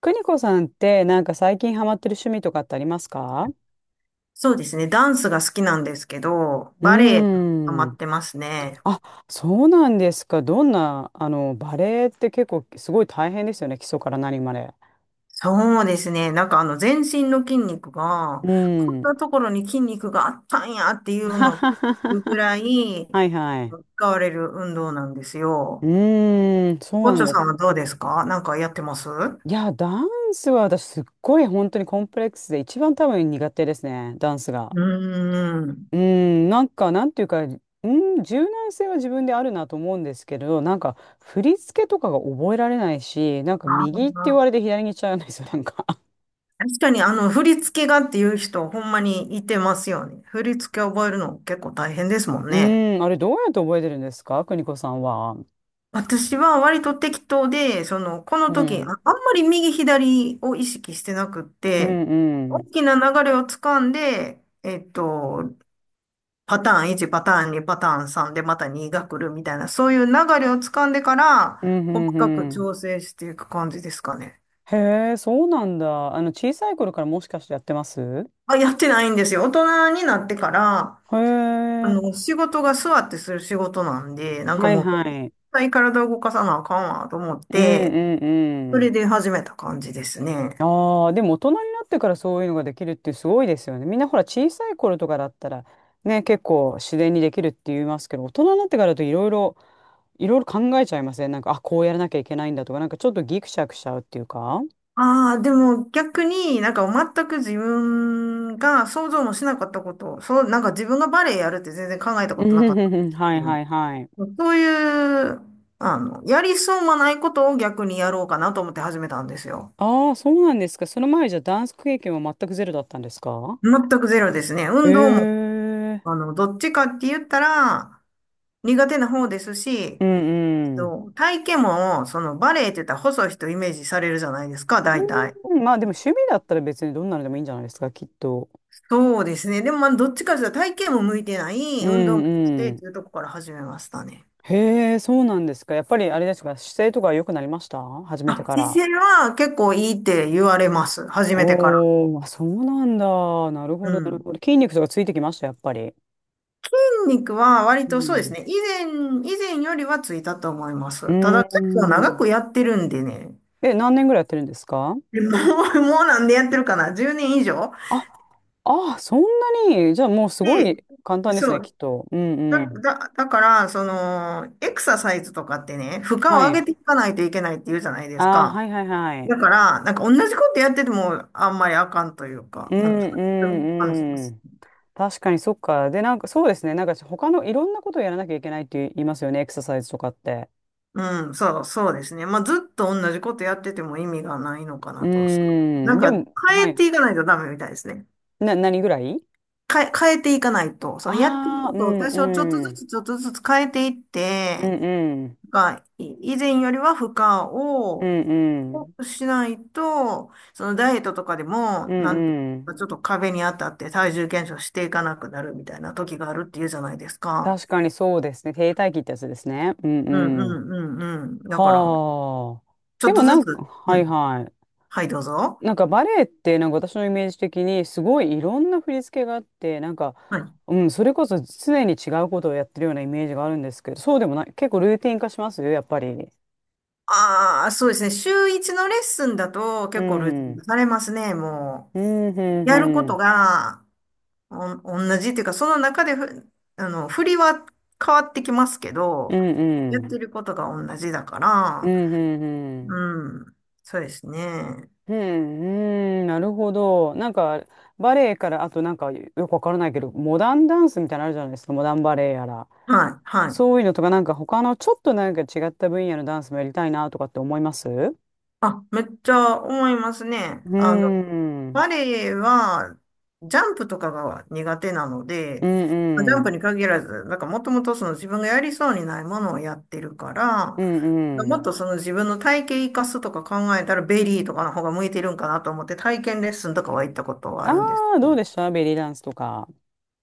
邦子さんってなんか最近ハマってる趣味とかってありますか？そうですね。ダンスが好きなんですけど、うバレエがハマーん。ってますね。あ、そうなんですか。どんな、バレエって結構すごい大変ですよね。基礎から何まで。そうですね。なんか全身の筋肉が、うこんーん。なところに筋肉があったんやっていうのを聞くぐ らいはいはい。使われる運動なんですうよ。ーん、そオッうなチんョでさす。んはどうですか？なんかやってますういや、ダンスは私すっごい本当にコンプレックスで一番多分苦手ですね。ダンスが。ーん。うん、なんか、なんていうか、うん、柔軟性は自分であるなと思うんですけど、なんか、振り付けとかが覚えられないし、なんか、あ右って言ーわれて左に行っちゃうんですよ、なんか。確かに振り付けがっていう人、ほんまにいてますよね。振り付け覚えるの結構大変ですも んうね。ん、あれ、どうやって覚えてるんですか、邦子さんは？私は割と適当で、その、このう時、あ、あん、んまり右左を意識してなくっうて、ん、う大ん、きな流れをつかんで、パターン1、パターン2、パターン3でまた2が来るみたいな、そういう流れをつかんでから、うん、う細んかくうん。調整していく感じですかね。へえ、そうなんだ。あの、小さい頃からもしかしてやってます？あ、やってないんですよ。大人になってから、へえ、仕事が座ってする仕事なんで、なんかはいもう、は絶い。対体を動かさなあかんわと思っうん、て、うん、そうれん。で始めた感じですね。ああ、でも大人になってからそういうのができるってすごいですよね。みんなほら小さい頃とかだったらね、結構自然にできるって言いますけど、大人になってからだといろいろ、いろいろ考えちゃいません？なんか、あ、こうやらなきゃいけないんだとか、なんかちょっとギクシャクしちゃうっていうか。ああ、でも逆になんか全く自分が想像もしなかったこと、そう、なんか自分がバレエやるって全然考えたうことんなうかっんたうんんうん、はでいはすいはい。けど、そういう、やりそうもないことを逆にやろうかなと思って始めたんですよ。ああ、そうなんですか。その前じゃダンス経験は全くゼロだったんですか？全くゼロですね。運動も、ええ、どっちかって言ったら苦手な方ですうし、んうん。そう体型も、そのバレエって言ったら細い人イメージされるじゃないですか、大体。うん、まあでも趣味だったら別にどんなのでもいいんじゃないですか、きっと。そうですね。でも、まあ、どっちかというと体型も向いてなうい、運動もしてっん、ていうとこから始めましたね。へえ、そうなんですか。やっぱりあれですか、姿勢とか良くなりました？初めてあ、か姿ら。勢は結構いいって言われます。始めてから。おー、あ、そうなんだ。なるほうど、なるん。ほど。筋肉とかついてきました、やっぱり？筋肉は割うとそうですん。ね。以前よりはついたと思いまうーす。ただ結構長ん。くやってるんでね。え、何年ぐらいやってるんですか？ でもう、もうなんでやってるかな？ 10 年以上あ、あ、そんなに。じゃあもうすごで、い簡単ですそね、きう。っと。うんうだ、ん。だ、だから、その、エクササイズとかってね、負荷をは上い。げていかないといけないって言うじゃないですあー、か。はいはいはだかい。ら、なんか同じことやっててもあんまりあかんというか、うんうん、そうう感じまんうす。ん。確かにそっか。で、なんかそうですね。なんか他のいろんなことをやらなきゃいけないって言いますよね、エクササイズとかって。うん、そう、そうですね。まあ、ずっと同じことやってても意味がないのかうーなと。そうなん。んでか、も、変はえい。ていかないとダメみたいですね。何ぐらい？変えていかないと、そのやってるああこー、うとをん多少ちょっとうずん。つちょっとずつ変えていっうて、んうん。以前よりは負荷うをんう多ん。くしないと、そのダイエットとかでも、うなんとんうかん。ちょっと壁に当たって体重減少していかなくなるみたいな時があるっていうじゃないですか。確かにそうですね。停滞期ってやつですね。ううんうんうん。んうんうん。だから、はあ。ちょっでともなずんつ、か、うはいん。はい。はい、どうぞ。なんかバレエってなんか私のイメージ的にすごいいろんな振り付けがあってなんか、はい。うん、それこそ常に違うことをやってるようなイメージがあるんですけど、そうでもない？結構ルーティン化しますよ、やっぱり。ああ、そうですね。週一のレッスンだとう結構ルーテん。うィンん化されますね。もうんう、やるこうとん。がお、同じっていうか、その中でふ、あの、振りは変わってきますけうど、んやうってん。ることが同じだかうら、んうんうん。うん。そうですね。うん、うん、なるほど。なんか、バレエから、あとなんか、よくわからないけど、モダンダンスみたいなのあるじゃないですか、モダンバレエやら。はい、はい。そういうのとか、なんか他のちょっとなんか違った分野のダンスもやりたいなとかって思います？うあ、めっちゃ思いますね。ーん。バレエは、ジャンプとかが苦手なのうで、まあジんャうンプん。に限らず、なんかもともとその自分がやりそうにないものをやってるから、うんうもっん。とその自分の体型生かすとか考えたらベリーとかの方が向いてるんかなと思って体験レッスンとかは行ったことはああるんですあ、けどうど。でした、ベリーダンスとか？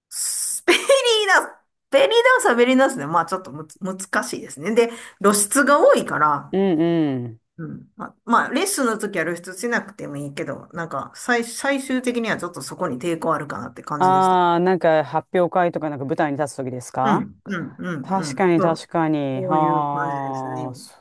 スベリーダンス、ベリーダンスはベリーダンスで、まあちょっと難しいですね。で、露出が多いから、うんうん。うん。あ、まあ、レッスンの時は露出しなくてもいいけど、なんか、最終的にはちょっとそこに抵抗あるかなって感じでした。ああ、なんか発表会とかなんか舞台に立つ時ですうか？ん、うん、うん、う確ん。かにそう、確かに。そういう感じですね。ああ、そ、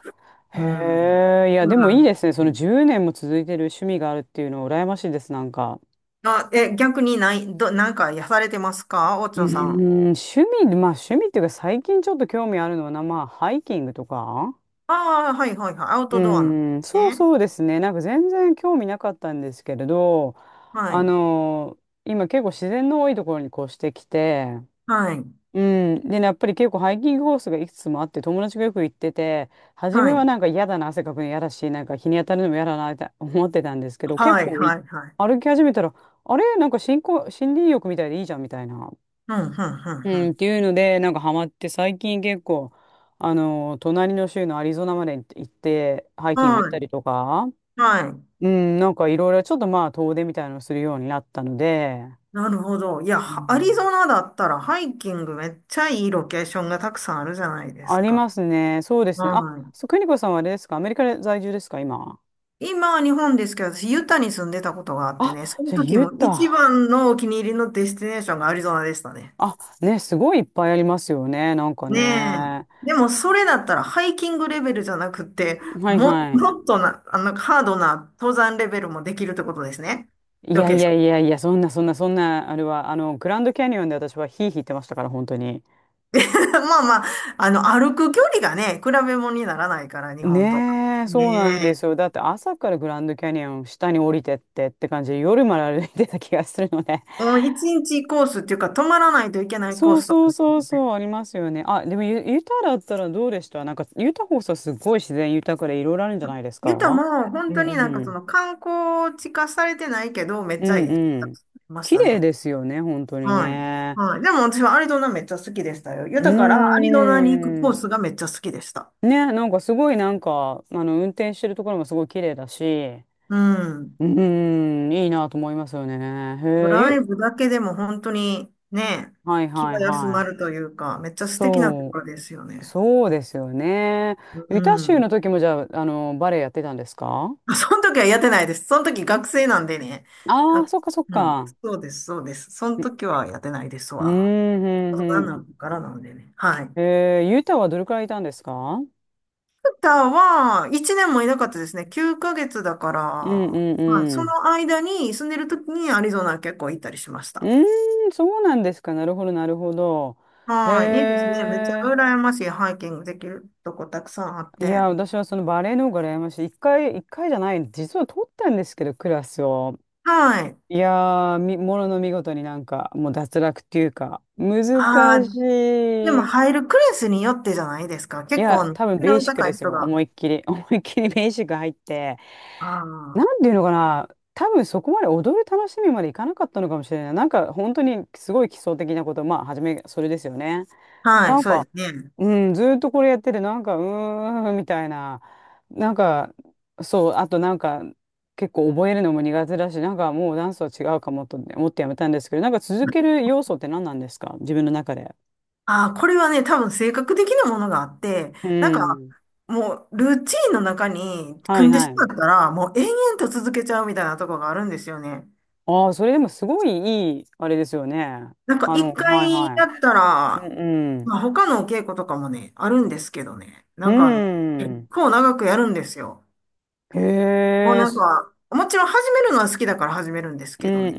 うん。へえ。いやうでもいいでん。すね。その10年も続いてる趣味があるっていうのは羨ましいです、なんか。あ、え、逆にない、なんかやされてますかおうちーょさん。ん、趣味、まあ趣味っていうか最近ちょっと興味あるのはな、まあハイキングとか。ああ、はいはいはい。アウうトドアなんでーん、すそう、ね。そうですね。なんか全然興味なかったんですけれど、はあい。の、今結構自然の多いところに越してきて、はい。うん。でね、やっぱり結構ハイキングコースがいくつもあって、友達がよく行ってて、初めはい。はなんか嫌だな、汗かくの嫌だし、なんか日に当たるのも嫌だなって思ってたんですけど、結はい構はいはい。歩き始めたら、あれ、なんか新興、森林浴みたいでいいじゃんみたいな。うん、うん、うん、ううん、っん。ていうので、なんかハマって、最近結構、あの、隣の州のアリゾナまで行って、ハイキング行っはたい。りとか、はい。うん、なんかいろいろちょっとまあ遠出みたいなのをするようになったので、なるほど。いや、うはアリん、ゾナだったらハイキングめっちゃいいロケーションがたくさんあるじゃないであすりか。ますね。そうですね。あ、はい。そう、邦子さんはあれですか、アメリカで在住ですか今？今、日本ですけど、私、ユタに住んでたことがあってあ、ね、そのじゃあ時ユも一タ。番のお気に入りのデスティネーションがアリゾナでしたね。あ、ね、すごいいっぱいありますよね。なんかねえ。ね。でも、それだったらハイキングレベルじゃなくて、はいはい。もっとな、ハードな登山レベルもできるってことですね。いロやケーいシやョいン。やいや、そんなそんなそんな、あれは、あの、グランドキャニオンで私はヒーヒー言ってましたから、本当に。まあまあ、歩く距離がね、比べ物にならないから、日本と。ねえ、ねそうなんでえ。すよ。だって朝からグランドキャニオン下に降りてってって感じで、夜まで歩いてた気がするので。もう一日コースっていうか、泊まらないといけないコそーうスとそかうですそうよね。そう、ありますよね。あ、でもユタだったらどうでした、なんか、ユタ放送すごい自然豊かでいろいろあるんじゃないです言ったらか？もう、本うんう当になんかそん。の観光地化されてないけど、めっうちゃいんいとこうだとん。思いまし綺た麗ね。ですよね、本当にはい。ね。はい。でも私はアリゾナめっちゃ好きでしたよ。う豊からアリーゾナに行くコーん。スがめっちゃ好きでした。ね、なんかすごいなんか、あの、運転してるところもすごい綺麗だし、うん。うーん、いいなと思いますよね。へえ、ライブだけでも本当にね、はい気はいが休はまい。るというか、めっちゃ素敵なとこそろですよう、ね。そうですよね。うユタ州ん。の時もじゃあ、あの、バレエやってたんですか？ あその時はやってないです。その時学生なんでね。ああ、あ、そっかそっうん、か。そうです、そうです。そのう時はやってないですうーん、わ。う大ん、人うになん。ってからなんでね。はい。ユタはどれくらいいたんですか？タは1年もいなかったですね。9ヶ月だから、うんうんはい、うそん。の間に住んでる時にアリゾナ結構行ったりしましうた。ーん、そうなんですか。なるほど、なるほど。へはい、いいですね。めっちゃえ。羨ましいハイキングできるとこたくさんあっいや、て。私はそのバレエの方が羨ましい。一回、一回じゃない、実は取ったんですけど、クラスを。はい。いやー、ものの見事になんか、もう脱落っていうか、難あしあ、でもい。入るクラスによってじゃないですか。い結構や、ね、多分レベベルーのシック高でいす人よ。が。思いっきり。思いっきりベーシック入って。なあんていうのかな、多分そこまで踊る楽しみまでいかなかったのかもしれない。なんか本当にすごい基礎的なこと、まあ、初め、それですよね。あ、はない、んそうでか、すね。うん、ずーっとこれやってて、なんか、うーん、みたいな。なんか、そう、あとなんか、結構覚えるのも苦手だし、なんかもうダンスは違うかもと思ってやめたんですけど、なんか続ける要素って何なんですか、自分の中で？ああ、これはね、多分性格的なものがあって、うなんか、ん。もう、ルーチンの中には組いんではしい。まったら、もう延々と続けちゃうみたいなとこがあるんですよね。ああ、それでもすごいいい、あれですよね。なんか、あ一の、はい回やはったい。うら、んうん。まあ、他のお稽古とかもね、あるんですけどね。うなんか、結ん。構長くやるんですよ。へもうえ、なんか、もちろん始めるのは好きだから始めるんですうけどんうね。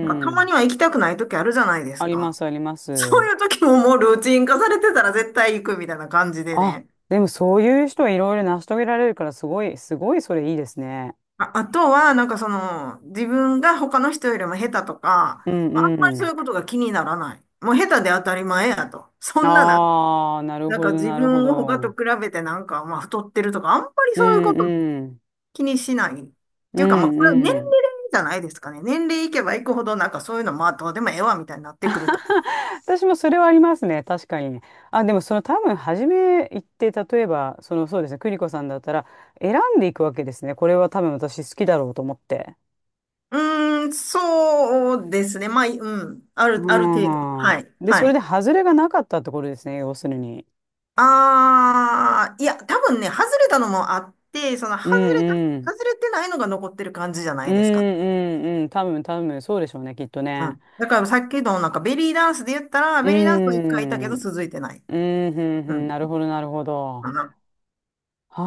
なんか、たうまん。には行きたくない時あるじゃないであすりまか。すありまそす。ういう時ももうルーチン化されてたら絶対行くみたいな感じであ、ね。でもそういう人はいろいろ成し遂げられるから、すごい、すごいそれいいですね。あ、あとは、なんかその、自分が他の人よりも下手とか、うんあんまりうそん。ういうことが気にならない。もう下手で当たり前やと。そんななん、ああ、なるなんほかど自なるほ分を他とど。比べてなんか、まあ太ってるとか、あんまりうそういうこんとうん。気にしない。っうていうか、まあんこれは年う齢ん。じゃないですかね。年齢いけばいくほど、なんかそういうの、まあどうでもええわ、みたいになってくると。私もそれはありますね。確かにね。あ、でもその多分初め行って、例えば、そのそうですね、邦子さんだったら選んでいくわけですね。これは多分私好きだろうと思って。うーん、そうですね。まあ、うん、うある程度。んうん。はい、で、そはれでい。外れがなかったってことですね、要するに。ああ、いや、多分ね、外れたのもあって、うんれた、うん。外れてないのが残ってる感じじゃなうんいですか。うんうん。多分多分そうでしょうね、きっとうね。ん。だからさっきのなんかベリーダンスで言ったら、うベリーダンスは一回いたけん。どうん続いてない。うんううん。なるん。ほど、なるほど。かな。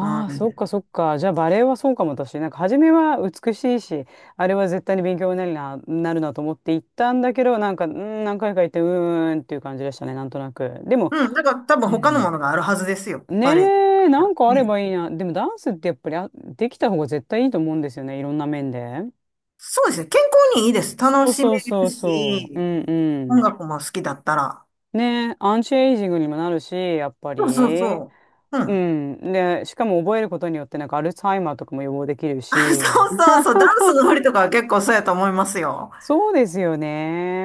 うあ、そっかん。そっか。じゃあバレエはそうかも私。なんか初めは美しいし、あれは絶対に勉強になるな、なるなと思って行ったんだけど、なんか、うん、何回か行って、うーんっていう感じでしたね、なんとなく。でも、うん。だから多分う他のもん。のがあるはずですよ。ねバレエ。え、なんかあれね。ばいいな。でもダンスってやっぱりできた方が絶対いいと思うんですよね。いろんな面で。そうですね。健康にいいです。そ楽うしそめうそるうそう。うし、んう音ん。楽も好きだったら。ねえ、アンチエイジングにもなるし、やっぱそうそうり。そう。ううん。ん。で、しかも覚えることによってなんかアルツハイマーとかも予防できるあ、そし。うそうそう。ダンスの振りとかは結構そうやと思いますよ。そうですよ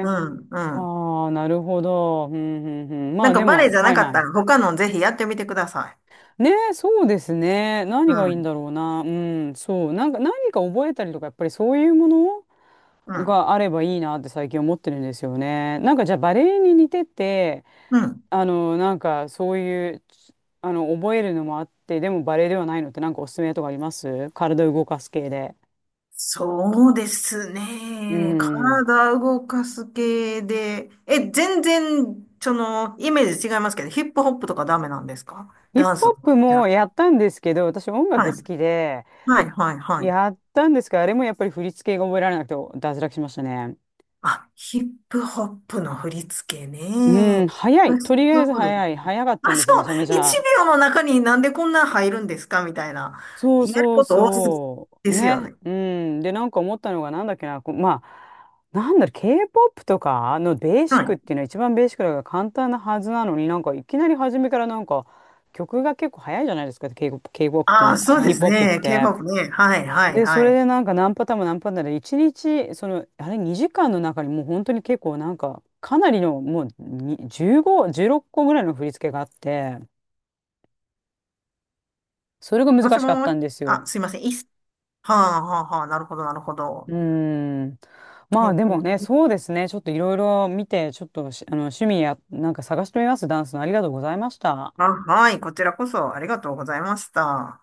うん、うん。ああ、なるほど。うんうんうん。まなんあかでバレエじも、ゃはないかっはたい。ら他のぜひやってみてください。ねえ、そうですね。何がいういんん。だろうな。うん、そう。なんか何か覚えたりとか、やっぱりそういうものうん。があればいいなって最近思ってるんですよね。なんかじゃあバレエに似てて、うん。あの、なんかそういう、あの、覚えるのもあって、でもバレエではないのってなんかおすすめとかあります、体を動かす系で？そうですうね。ん。体動かす系で。え、全然、その、イメージ違いますけど、ヒップホップとかダメなんですかヒップダンスホッの。プじゃもあやったんですけど、私音楽はい。好きで、はい、はい、はい。やったんですけど、あれもやっぱり振り付けが覚えられなくて脱落しましたね。あ、ヒップホップの振り付けね。うん、早あ、い。そとりあえずうです。早い。早かったんあ、でそすよ、めちゃめちう。ゃ。1秒の中になんでこんな入るんですかみたいな。そうやるそうこと多すぎそでう。すよね。ね。うん。で、なんか思ったのが、なんだっけな、こうまあ、なんだろう、K-POP とかのベーシッはクっい。ていうのは一番ベーシックだから簡単なはずなのに、なんかいきなり初めからなんか曲が結構早いじゃないですか、K-POP、K-POP あとあ、そうヒでップすホップっね。て。K-POP ね。はい、はい、で、そはれい。でなんか何パターンも何パターンで、一日、その、あれ2時間の中にもう本当に結構なんか、かなりのもうに15、16個ぐらいの振り付けがあって、それがも難ししかったもんですあ、よ。すいません。いいっす。はあ、はあ、はあ。なるほど、なるほうど。ーん。まあでもね、K-POP。そうですね。ちょっといろいろ見て、ちょっとしあの趣味や、なんか探してみます。ダンスの。ありがとうございました。あ、はい。こちらこそありがとうございました。